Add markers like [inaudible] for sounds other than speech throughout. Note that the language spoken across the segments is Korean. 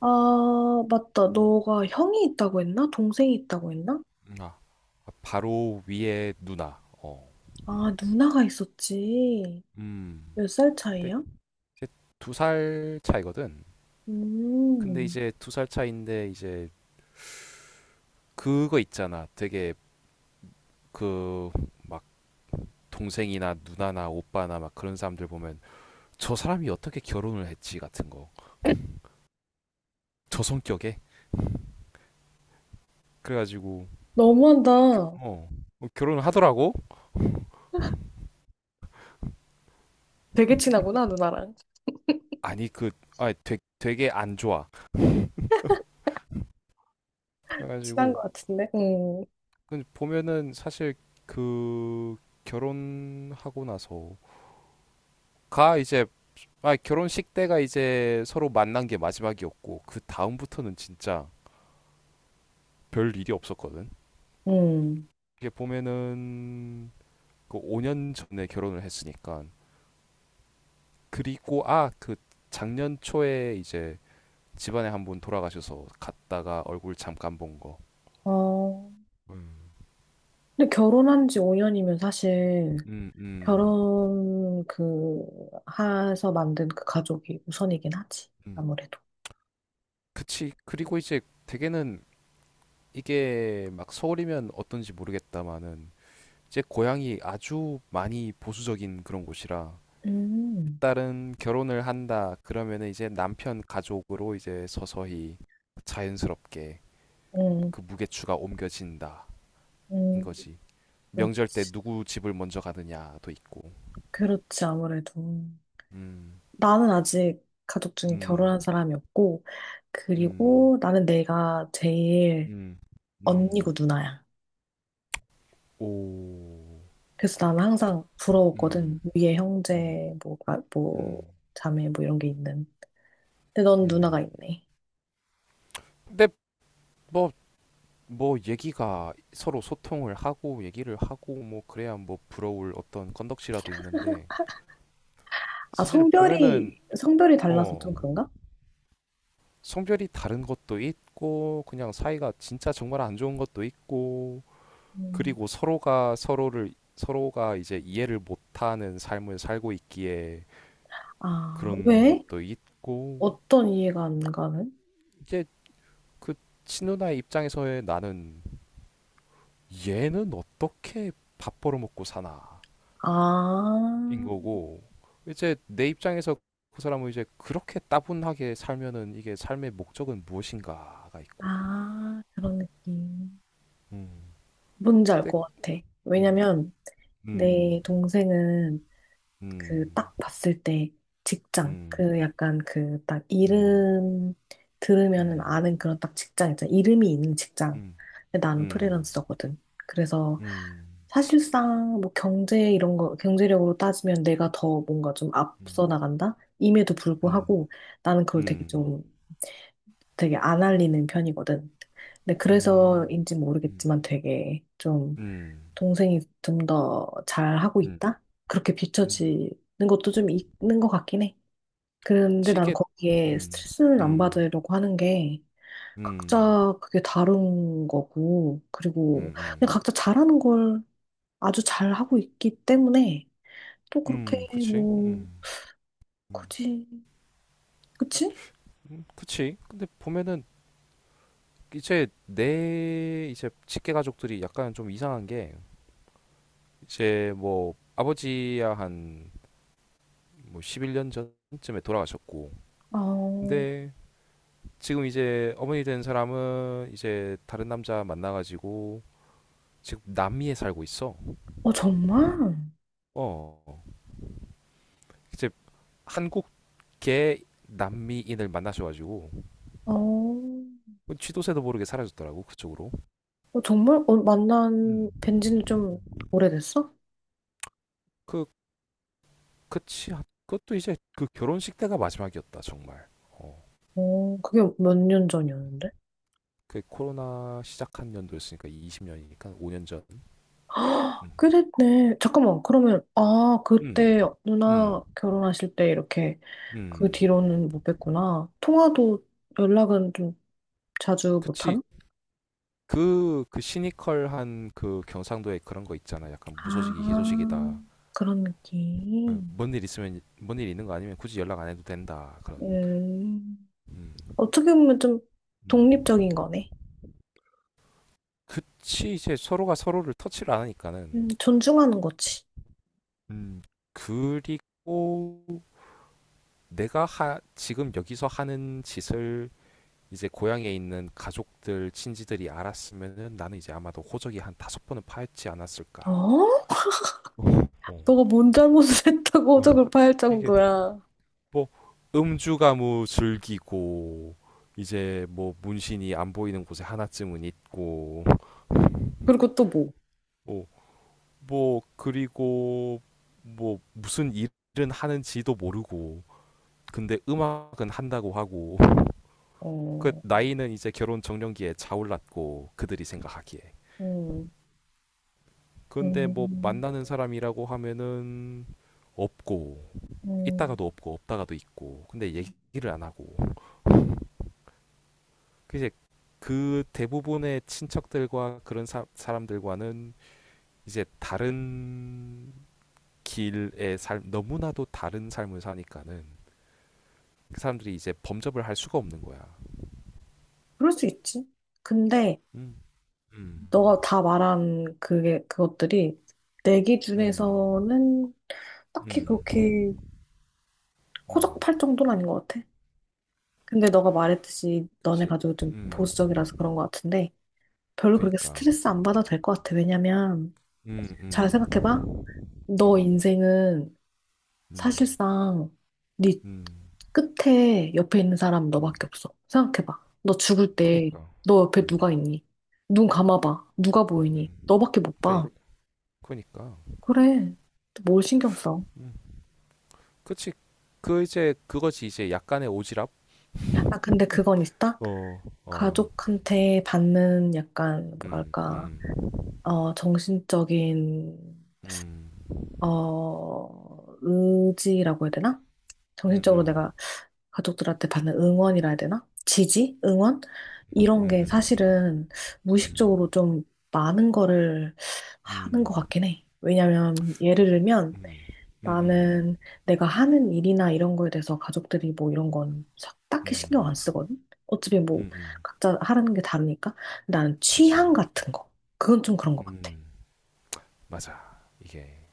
아, 맞다. 음. 너가 형이 있다고 했나? 동생이 있다고 했나? 아, 바로 위에 누나. 어. 아, 누나가 있었지. 음. 몇 살 근데 차이야? 이제 두 살 차이거든. 근데 음, 이제 두 살 차이인데 이제 그거 있잖아. 되게 그 막 동생이나 누나나 오빠나 막 그런 사람들 보면 저 사람이 어떻게 결혼을 했지 같은 거. 저 성격에. 그래가지고 겨- 너무한다. 어, 결혼을 하더라고. 되게 친하구나, [laughs] 누나랑. 아니 되게 안 좋아. [laughs] 친한 그래가지고 것 같은데. 응, 근데 보면은 사실 그 결혼하고 나서가 이제 아, 결혼식 때가 이제 서로 만난 게 마지막이었고 그 다음부터는 진짜 별 일이 없었거든. 응. 이게 보면은 그 5년 전에 결혼을 했으니까, 그리고 아, 그 작년 초에 이제 집안에 한 분 돌아가셔서 갔다가 얼굴 잠깐 본 거. 어, 음. 근데 결혼한 지 5년이면 사실 음. 음. 결혼 해서 만든 그 가족이 우선이긴 하지. 음. 아무래도. 그치. 그리고 이제 대개는 이게 막 서울이면 어떤지 모르겠다마는 제 고향이 아주 많이 보수적인 그런 곳이라 음, 일단은 결혼을 한다 그러면은 이제 남편 가족으로 이제 서서히 자연스럽게 음, 그 무게추가 옮겨진다 인 음, 거지. 명절 때 그렇지. 누구 집을 먼저 가느냐도 있고. 그렇지, 아무래도. 음. 나는 아직 가족 중에 음. 결혼한 사람이 없고, 음. 그리고 나는 내가 제일 음. 음. 언니고 누나야. 오. 그래서 나는 항상 음. 부러웠거든. 위에 음. 형제, 뭐, 아, 뭐, 음. 자매, 뭐 이런 게 있는. 근데 넌 누나가 음. 있네. 근데 뭐 뭐 얘기가 서로 소통을 하고 얘기를 하고 뭐 그래야 뭐 부러울 어떤 건덕지라도 있는데 아, 사실 보면은 성별이 달라서 어, 좀 그런가? 성별이 다른 것도 있고 그냥 사이가 진짜 정말 안 좋은 것도 있고 음. 그리고 서로가 서로를 서로가 이제 이해를 못하는 삶을 살고 있기에 아, 그런 왜? 것도 있고. 어떤 이해가 안 가는? 이제 그 친누나의 입장에서의 나는, 얘는 어떻게 밥 벌어먹고 사나 아, 인 거고, 이제 내 입장에서 그 사람은 이제 그렇게 따분하게 살면은 이게 삶의 목적은 무엇인가가 있고. 아, 그런 느낌. 음. 뭔지 알 땡. 것 같아. 음. 왜냐면, 음. 내 동생은 그 음. 딱 봤을 때 직장 음. 그 약간 그 딱 음. 이름 음. 들으면은 음. 아는 그런 딱 직장 있잖아 이름이 있는 직장. 근데 음. 나는 음. 프리랜서거든. 그래서 음. 음. 사실상 뭐 경제 이런 거 경제력으로 따지면 내가 더 뭔가 좀 앞서 나간다 임에도 음. 불구하고 나는 그걸 되게 음. 좀 되게 안 알리는 편이거든. 근데 음. 그래서인지 모르겠지만 되게 좀 음. 동생이 좀 더 잘하고 음. 있다? 그렇게 음. 비춰지는 것도 좀 있는 것 같긴 해. 그런데 나는 치게. 거기에 음. 스트레스는 안 음. 받으려고 하는 게 음. 각자 그게 다른 거고, 음. 그리고 그냥 음. 각자 잘하는 걸 아주 잘하고 있기 때문에 또 그렇게 그치. 뭐, 음. 음. 굳이, 그치? 그치. 근데 보면은 이제 내 이제 직계 가족들이 약간 좀 이상한 게, 이제 뭐 아버지야 한뭐 11년 전쯤에 돌아가셨고. 어, 근데 지금 이제 어머니 된 사람은 이제 다른 남자 만나가지고 지금 남미에 살고 있어. 어, 정말? 어, 이제 한국계 남미인을 만나셔가지고 어, 쥐도새도 모르게 사라졌더라고 그쪽으로. 어, 정말? 어, 만난 음. 뵌지는 좀 오래됐어? 그 그치. 그것도 이제 그 결혼식 때가 마지막이었다, 정말. 어. 어, 그게 몇 년 전이었는데? 그 코로나 시작한 연도였으니까 20년이니까 5년 전. 음. 그랬네. 잠깐만, 그러면, 아, 음. 그때 음. 누나 결혼하실 때 이렇게 그 음. 뒤로는 못 뵀구나. 통화도 연락은 좀 자주 그치. 못하나? 그 시니컬한 그 경상도에 그런 거 있잖아. 약간 아, 무소식이 희소식이다. 그런 어, 느낌. 뭔일 있으면, 뭔 일 있는 거 아니면 굳이 연락 안 해도 된다. 그런. 음, 음. 어떻게 보면 좀 음. 독립적인 거네. 그치. 이제 서로가 서로를 터치를 안 하니까는. 존중하는 거지. 음. 그리고 내가 지금 여기서 하는 짓을 이제 고향에 있는 가족들, 친지들이 알았으면은 나는 이제 아마도 호적이 한 다섯 번은 파헤치지 않았을까. 어? 어. 어. 너가 뭔 잘못을 [laughs] 했다고 어. 호적을 파일 이게 정도야. 뭐 음주가무 즐기고, 이제 뭐 문신이 안 보이는 곳에 하나쯤은 있고, 그리고 또 뭐? 어, 뭐 그리고 뭐 무슨 일은 하는지도 모르고, 근데 음악은 한다고 하고, 그 어, 나이는 이제 결혼 적령기에 차올랐고 그들이 생각하기에. 음, 근데 뭐 음, 만나는 사람이라고 하면은 없고, 음, 있다가도 없고 없다가도 있고, 근데 얘기를 안 하고, 그 이제 그 대부분의 친척들과 그런 사람들과는 이제 다른 길의 삶, 너무나도 다른 삶을 사니까는 그 사람들이 이제 범접을 할 수가 없는 거야. 그럴 수 있지. 근데, 음. 음. 너가 다 말한 그것들이 내 음. 기준에서는 딱히 음. 그렇게 음. 호적팔 정도는 아닌 것 같아. 근데 너가 말했듯이 너네 그치. 가족이 좀 음. 보수적이라서 그런 것 같은데 별로 그렇게 그니까. 스트레스 안 음. 받아도 될 것 같아. 왜냐면 음. 잘 음. 생각해봐. 너 음. 인생은 음. 사실상 네 음. 끝에 옆에 있는 사람 음. 너밖에 없어. 생각해봐. 너 죽을 때 그니까. 너 옆에 음. 누가 있니? 눈 감아봐. 누가 보이니? 음. 너밖에 못 그니까. 봐. 그니까. 그래. 뭘 신경 써? 음. 그치. 그 이제 그거지, 이제 약간의 오지랖. 아, 근데 그건 있다? 어. 어. 가족한테 받는 약간, 음. 뭐랄까, 음. 어, 정신적인, 음. 어, 의지라고 해야 되나? 음. 정신적으로 음. 내가 가족들한테 받는 응원이라 해야 되나? 지지? 응원? 음. 이런 게 음. 사실은 음. 무의식적으로 좀 많은 거를 음. 음. 하는 것 음. 같긴 해. 왜냐면, 예를 들면, 음. 나는 내가 하는 일이나 이런 거에 대해서 가족들이 뭐 이런 건 사- 딱히 음. 신경 안 쓰거든? 어차피 음. 뭐 음. 각자 하라는 게 다르니까. 근데 나는 그치. 취향 같은 거. 그건 좀 그런 것 같아. 음. 맞아, 이게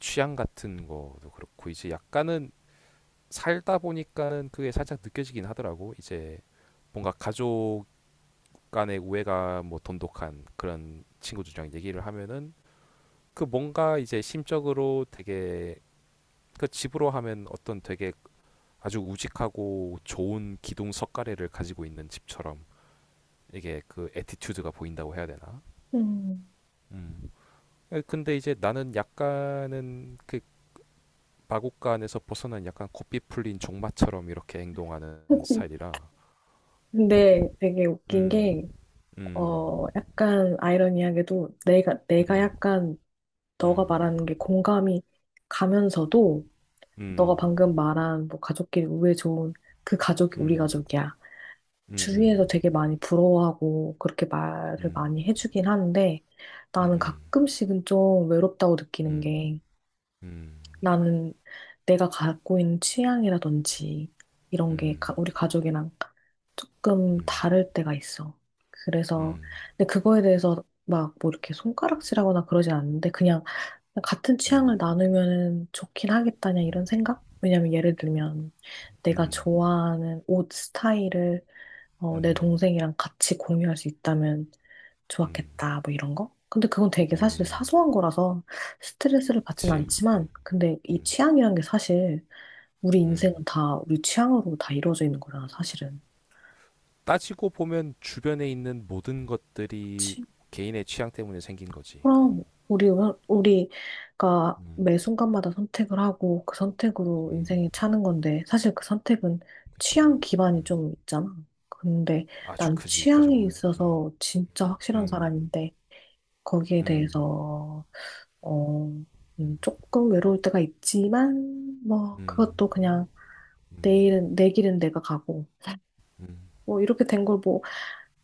취향 같은 거도 그렇고 이제 약간은 살다 보니까는 그게 살짝 느껴지긴 하더라고. 이제 뭔가 가족 간의 우애가 뭐 돈독한 그런 친구들이랑 얘기를 하면은 그 뭔가 이제 심적으로 되게 그, 집으로 하면 어떤 되게 아주 우직하고 좋은 기둥 석가래를 가지고 있는 집처럼 이게 그 애티튜드가 보인다고 해야 되나? 음. 음. 에, 근데 이제 나는 약간은 그 마곡간에서 벗어난 약간 고삐 풀린 종마처럼 이렇게 행동하는 [laughs] 스타일이라. 근데 되게 웃긴 음. 게, 음. 어, 약간 아이러니하게도 내가 음. 약간 너가 음. 말하는 게 공감이 가면서도 너가 음. 방금 말한 뭐 가족끼리 우애 좋은 그 가족이 우리 음. 가족이야. 음 주위에서 음. 되게 많이 부러워하고 그렇게 말을 음. 많이 해주긴 하는데 음 나는 음. 가끔씩은 좀 음. 음. 음. 외롭다고 느끼는 음. 게 음. 음. 나는 내가 갖고 있는 취향이라든지 이런 게 가- 우리 가족이랑 조금 다를 때가 있어. 그래서 음. 근데 그거에 대해서 막 뭐 이렇게 손가락질하거나 그러진 않는데 그냥 같은 취향을 음. 나누면 좋긴 하겠다냐 이런 생각? 왜냐면 예를 들면 내가 음. 좋아하는 옷 스타일을 어, 내 음. 동생이랑 같이 공유할 수 있다면 음. 좋았겠다, 뭐 이런 거? 근데 그건 되게 사실 음. 사소한 거라서 스트레스를 받진 그치. 않지만, 근데 이 음. 취향이란 게 사실 우리 음. 인생은 다 우리 취향으로 다 이루어져 있는 거잖아, 사실은. 따지고 보면 주변에 있는 모든 것들이 개인의 취향 때문에 생긴 거지. 어. 그럼 우리 우리가 음. 매 순간마다 선택을 하고 그 선택으로 음. 인생이 차는 건데 사실 그 선택은 그치. 취향 기반이 음. 좀 있잖아. 근데 아주 난 크지. 따지고 취향이 보면. 음. 있어서 진짜 확실한 음. 사람인데 거기에 음. 대해서 어, 조금 외로울 때가 있지만 뭐 음. 그것도 그냥 뭐. 음. 내일은 내 길은 내가 가고 음. 뭐 이렇게 된 걸뭐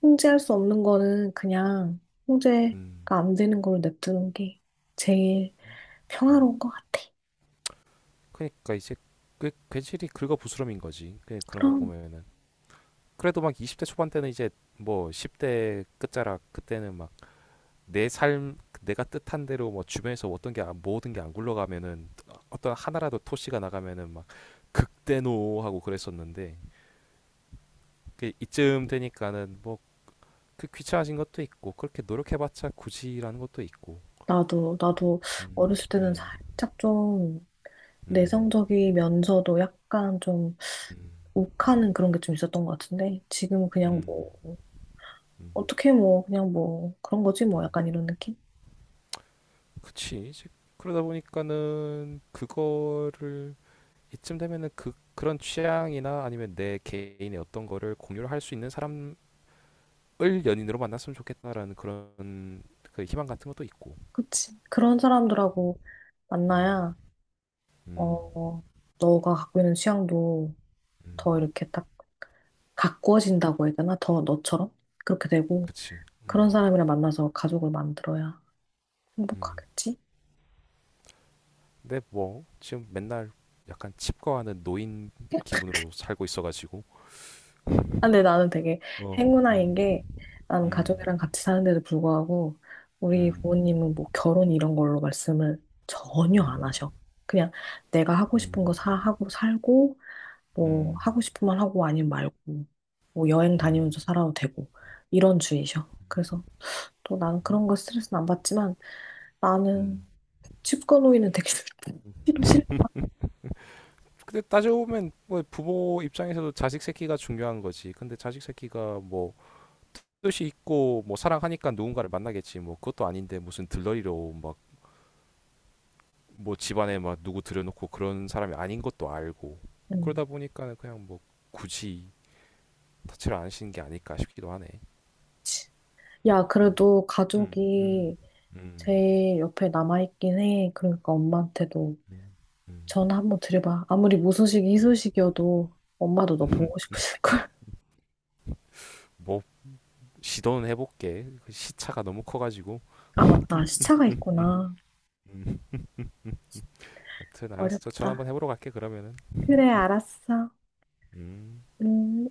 통제할 수 없는 거는 그냥 통제가 음. 안 되는 걸 냅두는 게 제일 음. 평화로운 것 같아. 그러니까 이제 그 괜시리 긁어 부스럼인 거지. 그런 거 그럼 보면은. 그래도 막 20대 초반 때는 이제 뭐 10대 끝자락 그때는 막 내 삶, 내가 뜻한 대로 뭐 주변에서 어떤 게 모든 게 안 굴러가면은 어떤 하나라도 토시가 나가면은 막 극대노 하고 그랬었는데 그 이쯤 되니까는 뭐 그 귀찮아진 것도 있고 그렇게 노력해봤자 굳이라는 것도 있고. 나도 음. 어렸을 때는 음. 살짝 좀 음. 내성적이면서도 약간 좀 음. 욱하는 그런 게 좀 있었던 것 같은데 지금은 그냥 음. 뭐 어떻게 뭐 그냥 뭐 그런 거지 뭐 약간 이런 느낌? 그치. 이제 그러다 보니까는 그거를 이쯤 되면은 그 그런 취향이나 아니면 내 개인의 어떤 거를 공유를 할 수 있는 사람을 연인으로 만났으면 좋겠다라는 그런 그 희망 같은 것도 있고. 그치. 그런 사람들하고 음. 만나야 음. 어 너가 갖고 있는 취향도 더 음. 이렇게 딱 가꾸어진다고 해야 되나? 더 너처럼? 그렇게 되고 그치. 그런 음. 사람이랑 만나서 가족을 만들어야 음. 행복하겠지? 근데 뭐 지금 맨날 약간 칩거하는 노인 기분으로 살고 있어가지고. 아, 근데 나는 되게 어. 행운아인 음. 게 나는 음. 가족이랑 같이 사는데도 불구하고 우리 음. 부모님은 뭐 결혼 이런 걸로 말씀을 전혀 음. 안 하셔. 그냥 내가 하고 싶은 음. 거 사, 하고 살고 뭐 음. 하고 싶은 말 하고 아니면 말고 뭐 여행 음. 다니면서 살아도 되고 이런 주의셔. 그래서 또 나는 그런 거 스트레스는 안 받지만 나는 음. 칩거노이는 되게 [laughs] 싫어. 싫어. 근데 따져 보면 뭐 부모 입장에서도 자식 새끼가 중요한 거지. 근데 자식 새끼가 뭐 뜻이 있고 뭐 사랑하니까 누군가를 만나겠지. 뭐 그것도 아닌데 무슨 들러리로 막 뭐 집안에 막 누구 들여놓고 그런 사람이 아닌 것도 알고, 음. 그러다 보니까는 그냥 뭐 굳이 터치를 안 하시는 게 아닐까 싶기도 하네. 야, 음. 그래도 음. 음. 가족이 음. 제일 옆에 남아있긴 해. 그러니까 엄마한테도 음. 전화 한번 드려봐. 아무리 무소식이 희소식이어도 엄마도 너 음. 보고 [laughs] 싶으실걸. 뭐 시도는 해볼게. 그 시차가 너무 커가지고. [laughs] 아, 맞다. 시차가 있구나. 음, 여튼 알았어. 전화 어렵다. 한번 해보러 갈게 그러면은. 그래, 알았어. 음. 음.